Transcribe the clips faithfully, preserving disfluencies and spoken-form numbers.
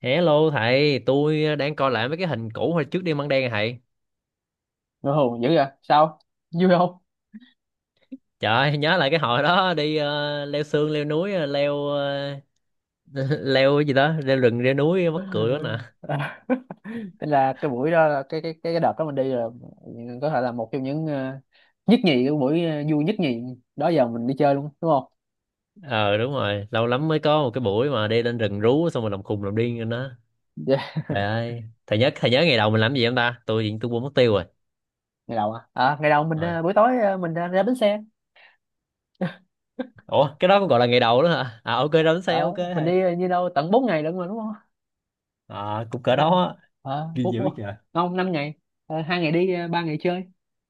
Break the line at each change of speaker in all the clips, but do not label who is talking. Hello thầy, tôi đang coi lại mấy cái hình cũ hồi trước đi Măng Đen à thầy.
Ngơ hồn dữ vậy sao, vui không?
Trời ơi, nhớ lại cái hồi đó đi ờ, leo sương, leo núi, ờ, leo ờ, leo cái gì đó, leo rừng, leo núi mắc cười đó nè.
Thế là cái buổi đó là cái cái cái cái đợt đó mình đi là có thể là một trong những ờ, nhất nhì cái buổi ờ, vui nhất nhì đó giờ mình đi chơi luôn, đúng không?
Ờ, đúng rồi, lâu lắm mới có một cái buổi mà đi lên rừng rú xong rồi làm khùng làm điên lên đó.
Yeah.
Trời ơi, thầy nhớ thầy nhớ ngày đầu mình làm gì không ta? Tôi hiện tôi quên mất tiêu rồi.
Ngày đầu à? À ngày đầu mình
Ờ.
ờ, buổi tối ờ, mình ra, ra bến xe.
Ủa, cái đó cũng gọi là ngày đầu đó hả? À, ok đó, xe
Ở
ok
mình đi
thầy.
ờ, như đâu tận bốn ngày lận mà, đúng không?
À, cũng cỡ
Ủa,
đó á,
ờ,
ghi
bốn
dữ
bốn-
trời.
không, năm ngày. Ờ, hai ngày đi, ờ, ba ngày chơi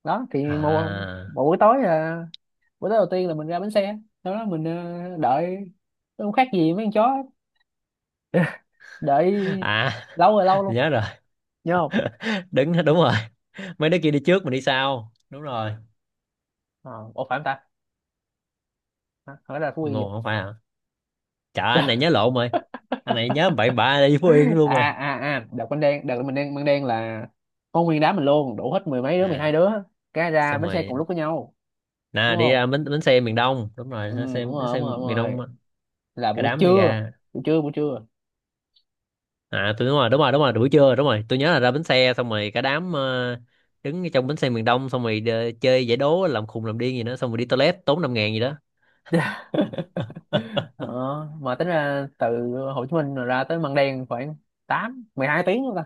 đó thì một
À.
một buổi tối, ờ, bữa tối đầu tiên là mình ra bến xe. Sau đó mình ờ, đợi không khác gì mấy con chó đợi,
À,
lâu rồi lâu luôn.
nhớ rồi.
Nhớ không?
Đứng, đúng rồi. Mấy đứa kia đi trước mình đi sau đúng rồi.
ờ Ủa, phải không ta? Hả? Hỏi là Phú Yên vậy?
Mù, không phải hả? Trời ơi, anh này nhớ lộn rồi, anh này nhớ bậy bạ đi Phú Yên luôn rồi.
à à à đợt mình đen đợt mình đen mình đen là có nguyên đám mình luôn đủ hết mười mấy đứa, mười hai
À,
đứa cái ra
xong
bến xe
rồi
cùng lúc với nhau, đúng
nè, đi
không?
ra bến, bến xe miền Đông, đúng
Ừ,
rồi, bến
đúng
xe bến
rồi, đúng
xe
rồi, đúng
miền
rồi,
Đông á,
là
cả
buổi
đám đi
trưa,
ra.
buổi trưa, buổi trưa.
À tôi đúng rồi, đúng rồi, đúng rồi, buổi trưa đúng rồi, tôi nhớ là ra bến xe xong rồi cả đám ờ, đứng trong bến xe miền Đông xong rồi đ- chơi giải đố làm khùng làm điên gì đó xong rồi đi toilet tốn năm ngàn gì đó.
ờ, mà tính ra từ Hồ Chí Minh mà ra tới Măng Đen khoảng tám, mười hai tiếng luôn ta?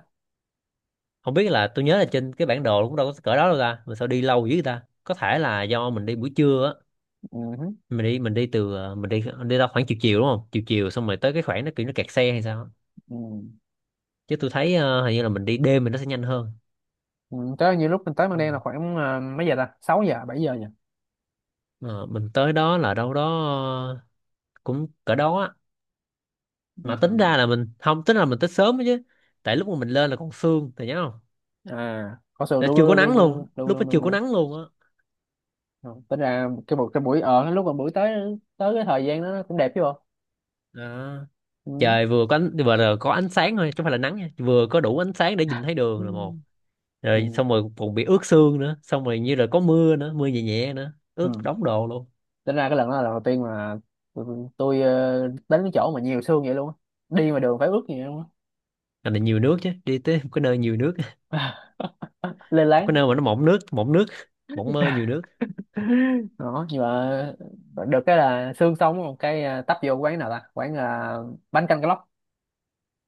Không biết, là tôi nhớ là trên cái bản đồ cũng đâu có cỡ đó đâu ta mà sao đi lâu dữ ta, có thể là do mình đi buổi trưa á.
Ừ. Hứ.
Mình đi mình đi từ ờ, mình đi đi ra khoảng chiều chiều đúng không, chiều chiều xong rồi tới cái khoảng nó kiểu nó kẹt xe hay sao á.
Ừ.
Chứ tôi thấy ờ, hình như là mình đi đêm thì nó sẽ nhanh hơn.
Ừ. Tới như lúc mình tới Măng
Ừ.
Đen là khoảng, à, mấy giờ ta, sáu giờ bảy giờ nhỉ?
Ờ, mình tới đó là đâu đó ờ, cũng cỡ đó á. Mà tính
Ừ.
ra là mình không tính là mình tới sớm đó chứ, tại lúc mà mình lên là còn sương thì nhớ không,
À có sự
là
đúng,
chưa có
đúng, đúng,
nắng
đúng,
luôn,
đúng,
lúc đó
đúng, đúng,
chưa có
đúng.
nắng luôn á.
Rồi, tính ra cái buổi cái buổi ở lúc mà buổi tới tới cái thời gian đó nó cũng đẹp chứ bộ.
Đó.
Ừ.
Trời vừa có ánh, vừa là có ánh sáng thôi chứ không phải là nắng nha, vừa có đủ ánh sáng để nhìn thấy
Ừ.
đường là một, rồi
Ừ.
xong rồi còn bị ướt sương nữa, xong rồi như là có mưa nữa, mưa nhẹ nhẹ nữa, ướt
Ừ.
đống đồ luôn.
Tính ra cái lần đó là lần đầu tiên mà tôi, tôi ờ, đến cái chỗ mà nhiều sương vậy luôn á, đi mà đường phải ướt vậy luôn
Là, là nhiều nước chứ, đi tới một cái nơi nhiều nước.
á, lên
Một cái
láng.
nơi mà nó mỏng nước, mỏng nước mỏng mơ nhiều nước.
Đó, nhưng mà được cái là sương xong một cái, à, tấp vô quán nào ta, quán là bánh canh cá lóc,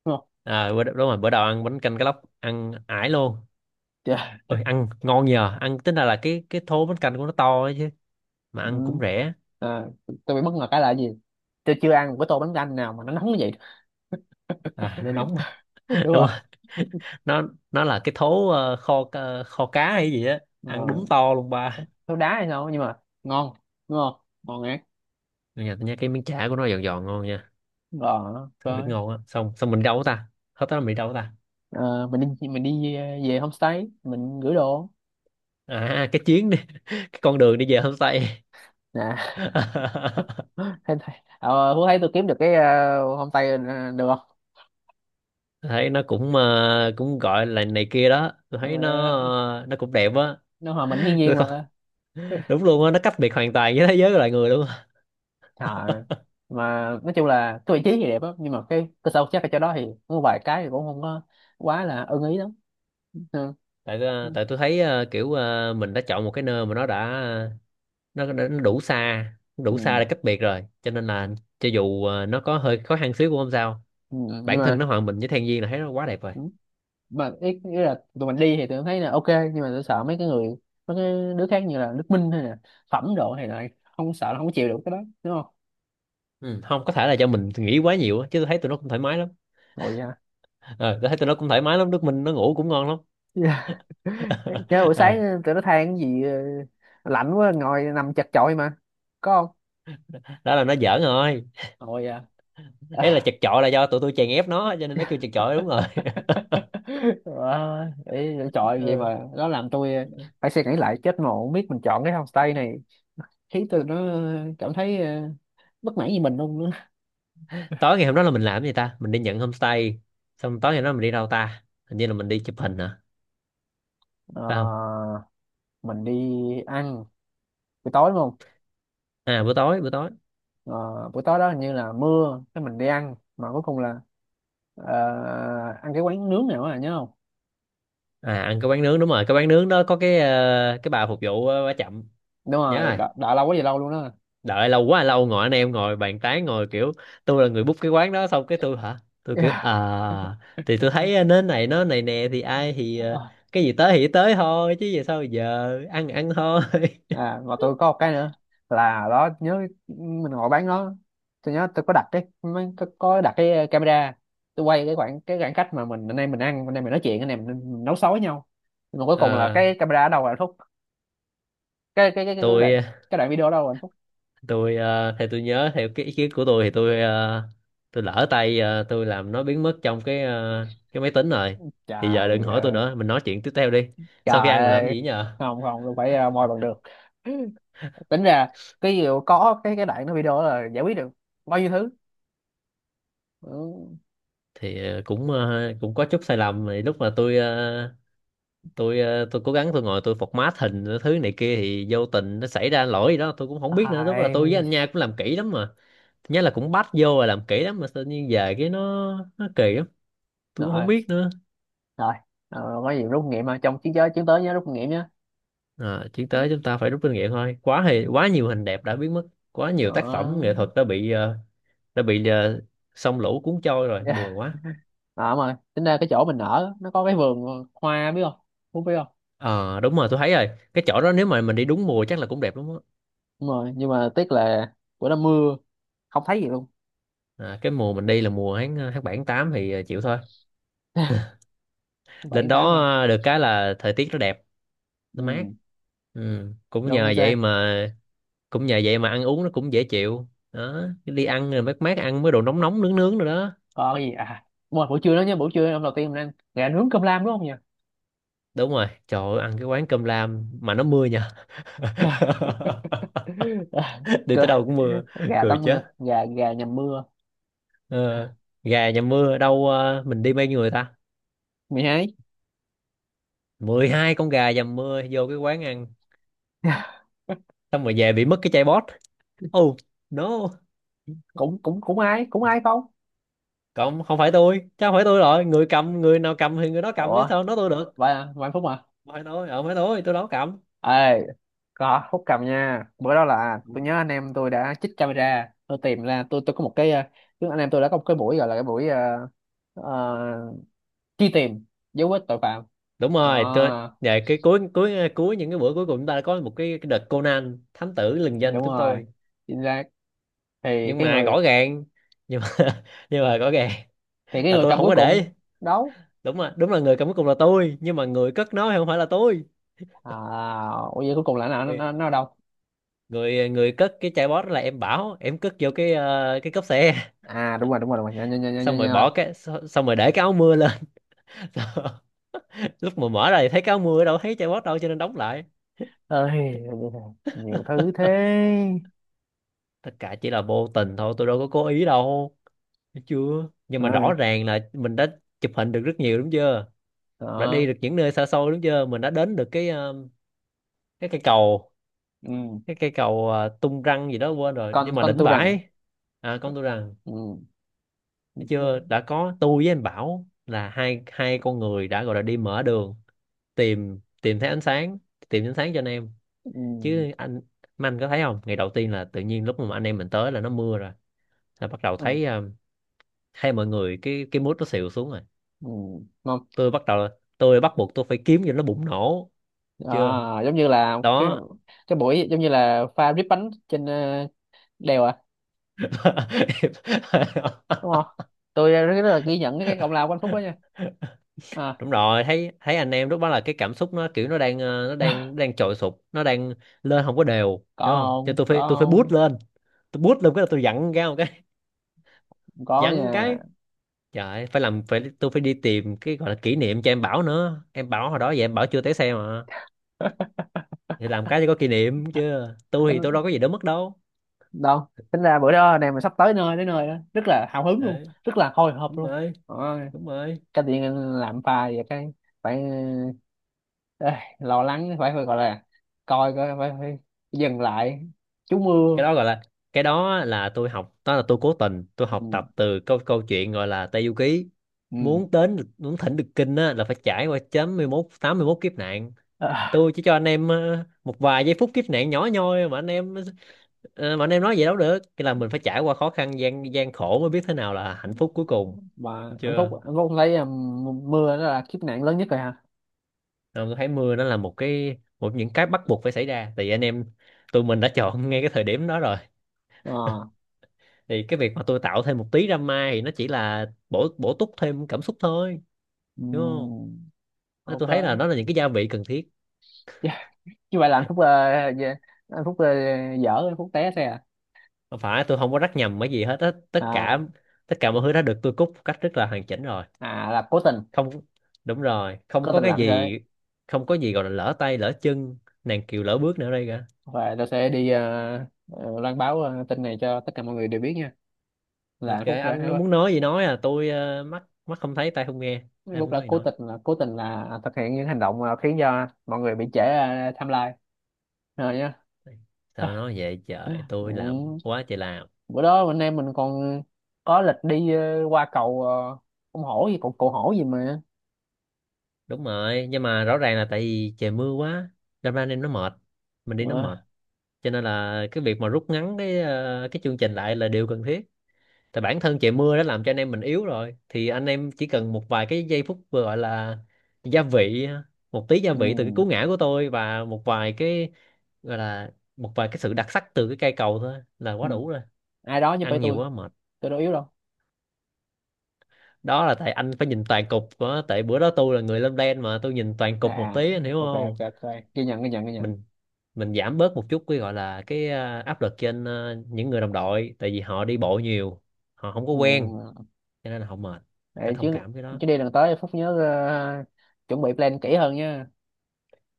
đúng không?
À bữa, đúng rồi, bữa đầu ăn bánh canh cá lóc ăn ải luôn.
Trời.
Ôi ăn ngon nhờ, ăn tính ra là cái cái thố bánh canh của nó to ấy chứ, mà
Ừ.
ăn cũng rẻ.
à, tôi bị bất ngờ cái là gì, tôi chưa ăn một cái tô bánh canh nào mà nó nóng như vậy.
À nó nóng.
đúng
Đúng
rồi.
rồi, nó nó là cái thố ờ, kho ờ, kho cá hay gì á,
ờ,
ăn đúng to luôn ba.
tôi đá hay sao nhưng mà ngon, đúng không? Ngon ngát.
Mà nhà tôi nhớ cái miếng chả của nó giòn giòn ngon nha,
Rồi,
thật rất
rồi.
ngon á. Xong, xong mình đâu ta, hết đó là mình đâu ta?
Ờ, mình đi mình đi về về homestay, mình gửi đồ
À, cái chuyến đi cái con đường đi về homestay.
nè. thấy thấy ờ, Phú, thấy tôi kiếm được cái ờ, homestay ờ, được không?
Thấy nó cũng ờ, cũng gọi là này kia đó, tôi thấy nó
Ờ,
ờ, nó cũng đẹp á.
nó hòa mình thiên
Tôi
nhiên
không-
mà.
đúng luôn á, nó cách biệt hoàn toàn với thế giới của loài người luôn á.
Ờ, mà nói chung là cái vị trí thì đẹp á, nhưng mà cái cơ sở vật chất ở chỗ đó thì có vài cái thì cũng không có quá là ưng ý lắm. Ừ.
Tại
Ừ.
ờ, tại tôi thấy ờ, kiểu ờ, mình đã chọn một cái nơi mà nó đã, nó, đã nó đủ xa, đủ xa để cách biệt rồi, cho nên là cho dù ờ, nó có hơi khó khăn xíu cũng không sao.
Ừ. Nhưng
Bản thân
mà.
nó hòa mình với thiên nhiên là thấy nó quá đẹp rồi.
Ừ. Mà ý, ý là tụi mình đi thì tụi mình thấy là ok, nhưng mà tôi sợ mấy cái người, mấy cái đứa khác như là Đức Minh hay là Phẩm độ thì lại không, sợ là không chịu được cái đó, đúng không?
Ừ. Không, có thể là do mình nghĩ quá nhiều á, chứ tôi thấy tụi nó cũng thoải mái lắm.
Ngồi vậy hả?
Ờ, tôi thấy tụi nó cũng thoải mái lắm, nước mình nó ngủ cũng ngon lắm.
Dạ. Đấy. Chứ buổi sáng
Ờ,
ờ, tụi nó than cái gì, ờ, lạnh quá ngồi nằm chật chội mà, có không?
đó là nó giỡn rồi.
Ngồi vậy
Đấy là
hả?
chật chội là do tụi tôi chèn ép nó cho nên nó kêu chật chội đúng rồi.
Wow, ý, chọi vậy
Ờ.
mà nó làm tôi ờ, phải suy nghĩ lại, chết mà không biết mình chọn cái homestay này khiến tôi nó ờ, cảm thấy ờ, bất mãn với mình luôn nữa.
Tối ngày hôm đó là mình làm gì ta, mình đi nhận homestay, xong tối ngày hôm đó mình đi đâu ta, hình như là mình đi chụp hình hả, phải không?
Ờ, mình đi ăn buổi tối, đúng không?
À buổi tối, buổi tối.
Ờ, buổi tối đó hình như là mưa, cái mình đi ăn mà cuối cùng là ờ, ăn cái quán nướng nào á, nhớ không?
À, ăn cái quán nướng đúng rồi, cái quán nướng đó có cái ờ, cái bà phục vụ ờ, bà chậm.
Đúng
Nhớ
rồi,
rồi.
đợi, đợi lâu quá vậy, lâu luôn đó.
Đợi lâu quá lâu, ngồi anh em ngồi bàn tán ngồi kiểu, tôi là người book cái quán đó xong cái tôi hả, tôi kiểu
Yeah.
à thì tôi thấy ờ, nến này nó này nè thì ai thì ờ,
Ờ.
cái gì tới thì tới thôi chứ giờ sao, giờ ăn ăn thôi.
à, mà tôi có một cái nữa là đó, nhớ mình ngồi bán nó. Tôi nhớ tôi có đặt cái mấy- có, có đặt cái ờ, camera. Tôi quay cái khoảng cái khoảng cách mà mình, anh em mình ăn, anh em mình nói chuyện, anh em mình nấu xối với nhau, nhưng mà cuối cùng là
Ờ,
cái camera ở đâu rồi anh Phúc? cái cái cái cái cái đoạn
tôi
cái đoạn video ở đâu rồi anh Phúc?
tôi ờ, theo tôi nhớ, theo cái ý kiến của tôi thì tôi ờ, tôi lỡ tay, ờ, tôi làm nó biến mất trong cái ờ, cái máy tính rồi, thì giờ đừng
Trời
hỏi tôi
ơi,
nữa, mình nói chuyện tiếp theo đi. Sau khi
trời
ăn mình làm cái
ơi,
gì nhờ?
không, không, tôi phải ờ, moi bằng được. tính ra cái gì có cái cái đoạn nó video đó là giải quyết được bao nhiêu thứ. Ừ.
Thì ờ, cũng ờ, cũng có chút sai lầm, thì lúc mà tôi ờ, tôi ờ, tôi cố gắng tôi ngồi tôi format hình cái thứ này kia thì vô tình nó xảy ra lỗi gì đó tôi cũng không biết nữa, lúc đó là tôi với
Ai?
anh Nha cũng làm kỹ lắm mà, nhớ là cũng bắt vô và làm kỹ lắm mà tự nhiên về cái nó nó kỳ lắm, tôi cũng không
Rồi,
biết nữa.
rồi, ờ, có gì rút kinh nghiệm mà trong chiến giới chiến tới nhớ rút kinh nghiệm nhá.
À, tiến tới chúng ta phải rút kinh nghiệm thôi, quá thì quá nhiều hình đẹp đã biến mất, quá nhiều tác
Ờ.
phẩm nghệ thuật đã bị ờ, đã bị ờ, sông lũ cuốn trôi rồi,
Yeah.
buồn quá.
à, mà tính ra cái chỗ mình ở nó có cái vườn hoa, biết không? Phú biết không?
Ờ đúng rồi, tôi thấy rồi, cái chỗ đó nếu mà mình đi đúng mùa chắc là cũng đẹp lắm á.
Đúng rồi, nhưng mà tiếc là bữa đó mưa, không thấy gì luôn.
À, cái mùa mình đi là mùa tháng ờ, tháng bảy tháng tám thì ờ, chịu thôi.
bảy,
Lên
tháng tám
đó
mà.
ờ, được cái là thời tiết nó đẹp, nó mát.
Ừ,
Ừ. Cũng
đúng,
nhờ
chính xác.
vậy mà, cũng nhờ vậy mà ăn uống nó cũng dễ chịu đó, cái đi ăn rồi mát mát, ăn mấy đồ nóng nóng nướng nướng rồi đó.
Có cái gì à, buổi buổi trưa đó nhá, buổi trưa hôm đầu tiên mình ăn gà nướng cơm lam đúng không nhỉ?
Đúng rồi, trời ơi, ăn cái quán cơm lam mà nó mưa nhờ.
Gà.
Đi
Trời,
tới đâu cũng mưa,
gà
cười
tắm mưa,
chết.
gà gà nhầm mưa,
Ờ, gà dầm mưa đâu, ờ, mình đi bao nhiêu người ta,
mày ấy.
mười hai con gà dầm mưa vô cái quán ăn, xong rồi về bị mất cái chai bót. Oh no.
cũng cũng cũng ai cũng ai không?
Cộng, không phải tôi, chứ không phải tôi rồi, người cầm người nào cầm thì người đó cầm chứ
Ủa,
sao nói tôi được.
vài vài phút mà,
Không phải tôi, ờ, không phải tôi tôi đâu có cầm.
ê. Có Phúc cầm nha. Bữa đó là tôi nhớ anh em tôi đã chích camera, tôi tìm ra, tôi tôi có một cái ờ, tức anh em tôi đã có một cái buổi gọi là cái buổi ờ, ờ, truy tìm dấu vết tội phạm
Đúng rồi tôi
đó.
về cái cuối cuối ờ, cuối những cái bữa cuối cùng chúng ta đã có một cái, cái đợt Conan thám tử lừng
Đúng
danh chúng
rồi,
tôi.
chính xác. thì
Nhưng
cái
mà
người
rõ ràng, nhưng mà nhưng mà rõ ràng
thì cái
là
người
tôi
cầm
không
cuối
có
cùng
để.
đâu?
Đúng rồi, đúng là người cầm cuối cùng là tôi nhưng mà người cất nó thì không phải là tôi.
À, ủa, vậy cuối cùng là nó
người
nó nó ở đâu?
người, người cất cái chai bót đó là em Bảo, em cất vô cái ờ, cái cốp xe.
À, đúng rồi, đúng rồi, đúng rồi, nhớ, nhớ, nhớ, nhớ, nhớ,
Xong rồi
nhớ.
bỏ cái, xong xong rồi để cái áo mưa lên. Lúc mà mở ra thì thấy cái áo mưa, đâu thấy chai bót đâu, cho nên đóng lại.
Ơi, bây giờ nhiều thứ thế.
Tất cả chỉ là vô tình thôi, tôi đâu có cố ý đâu. Thấy chưa, nhưng mà rõ
Ừ.
ràng là mình đã chụp hình được rất nhiều đúng chưa, đã đi
Đó.
được những nơi xa xôi đúng chưa, mình đã đến được cái ờ, cái cây cầu,
Ừ.
cái cây cầu ờ, tung răng gì đó quên rồi
con
nhưng mà
con
đỉnh
tu rằng.
vãi. À công tôi rằng.
Ừ. Ừ.
Thấy chưa, đã có tôi với anh Bảo là hai hai con người đã gọi là đi mở đường, tìm tìm thấy ánh sáng, tìm ánh sáng cho anh em.
Ừ.
Chứ anh, mà anh có thấy không, ngày đầu tiên là tự nhiên lúc mà anh em mình tới là nó mưa rồi, là bắt đầu
Ừ.
thấy um, thấy mọi người cái cái mood nó xịu xuống rồi.
Ừ. Không.
Tôi bắt đầu, tôi bắt buộc tôi phải kiếm cho nó bùng nổ chưa.
À, giống như là cái
Đó.
cái buổi giống như là pha rip bánh trên ờ, đèo à, đúng không? Tôi rất là ghi nhận cái công lao của anh Phúc đó nha. À.
Đúng rồi, thấy thấy anh em lúc đó là cái cảm xúc nó kiểu nó đang ờ, nó đang, nó đang trội sụp nó đang lên không có đều hiểu
có
không, cho
không?
tôi
Có
phải, tôi phải boost
không?
lên. Tôi boost lên cái là tôi giận ra một cái,
Có
giận
nha.
cái trời ơi, phải làm, phải tôi phải đi tìm cái gọi là kỷ niệm cho em Bảo nữa, em Bảo hồi đó vậy, em Bảo chưa té xe mà, thì làm cái cho có kỷ niệm chứ, tôi thì tôi đâu có gì đâu mất đâu.
đâu, tính ra bữa đó này, mình sắp tới nơi, tới nơi đó rất là hào hứng luôn,
Đấy,
rất là hồi hộp
đúng
luôn.
rồi,
Đó,
đúng rồi,
cái điện làm pha và cái phải ờ, ê, lo lắng, phải phải gọi là coi coi phải, phải dừng lại, chú mưa.
cái đó gọi là, cái đó là tôi học, đó là tôi cố tình tôi học
Ừ.
tập từ câu câu chuyện gọi là Tây Du Ký,
Ừ.
muốn đến muốn thỉnh được kinh á, là phải trải qua chín mốt tám mươi mốt kiếp nạn.
À,
Tôi chỉ cho anh em ờ, một vài giây phút kiếp nạn nhỏ nhoi mà anh em, ờ, mà anh em nói vậy đâu được, cái là mình phải trải qua khó khăn gian gian khổ mới biết thế nào là hạnh phúc cuối cùng.
mà
Thấy
anh Phúc
chưa.
anh Phúc thấy um, mưa đó là kiếp nạn lớn nhất rồi hả?
Nên tôi thấy mưa nó là một cái, một những cái bắt buộc phải xảy ra, tại vì anh em tụi mình đã chọn ngay cái thời điểm đó rồi,
Ờ.
thì cái việc mà tôi tạo thêm một tí drama thì nó chỉ là bổ bổ túc thêm cảm xúc thôi, đúng không.
Ừm,
Nên
ok.
tôi thấy là nó là những cái gia vị cần thiết.
Yeah. Như vậy là anh Phúc, ờ, dạ, anh Phúc ờ, dở, anh Phúc té xe à?
Không phải tôi không có rắc nhầm cái gì hết á, tất cả,
à
tất cả mọi thứ đã được tôi cúc một cách rất là hoàn chỉnh rồi.
à là cố tình,
Không, đúng rồi, không
cố
có
tình
cái
làm như thế.
gì, không có gì gọi là lỡ tay lỡ chân, nàng kiều lỡ bước nữa đây cả.
Và tao sẽ đi ờ, ờ, loan báo ờ, tin này cho tất cả mọi người đều biết nha. Là
Nên
anh
kệ
Phúc đã
anh muốn nói gì nói, à tôi ờ, mắt mắt không thấy, tay không nghe,
anh
em
Phúc
muốn
đã
nói gì
cố
nói,
tình là cố tình là thực hiện những hành động ờ, khiến cho mọi người bị trễ ờ, timeline rồi nhá.
sao nói vậy trời,
ừ.
tôi làm quá trời làm.
Bữa đó anh em mình còn có lịch đi ờ, qua cầu, ờ, con hổ gì, cầu cầu hổ gì mà?
Đúng rồi, nhưng mà rõ ràng là tại vì trời mưa quá, đâm ra anh em nó mệt, mình đi nó mệt,
Ờ.
cho nên là cái việc mà rút ngắn cái ờ, cái chương trình lại là điều cần thiết. Tại bản thân trời mưa đã làm cho anh em mình yếu rồi, thì anh em chỉ cần một vài cái giây phút vừa gọi là gia vị, một tí gia
Ừ.
vị từ cái cú ngã của tôi và một vài cái gọi là, một vài cái sự đặc sắc từ cái cây cầu thôi là quá
Ừ.
đủ rồi.
Ai đó chứ phải
Ăn nhiều
tôi
quá mệt.
tôi đâu yếu đâu.
Đó là tại anh phải nhìn toàn cục của, tại bữa đó tôi là người lên đen mà, tôi nhìn toàn
À,
cục một
à,
tí anh hiểu
ok,
không.
ok, ok, ghi nhận, ghi nhận, ghi nhận.
Mình, mình giảm bớt một chút cái gọi là cái à, áp lực trên à, những người đồng đội, tại vì họ đi bộ nhiều, họ không có quen,
Ừ.
cho nên là họ mệt, phải
Để
thông
chứ.
cảm cái đó.
Chứ đi lần tới Phúc nhớ ờ, chuẩn bị plan kỹ hơn nha.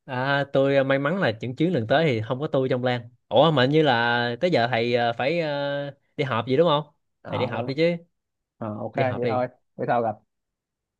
À, tôi à, may mắn là những chuyến lần tới thì không có tôi trong Lan, ủa mà hình như là tới giờ thầy à, phải à, đi họp gì đúng không. Thầy
Ờ.
đi họp đi chứ,
Ờ, ok
đi họp
vậy thôi.
đi.
Bữa sau gặp.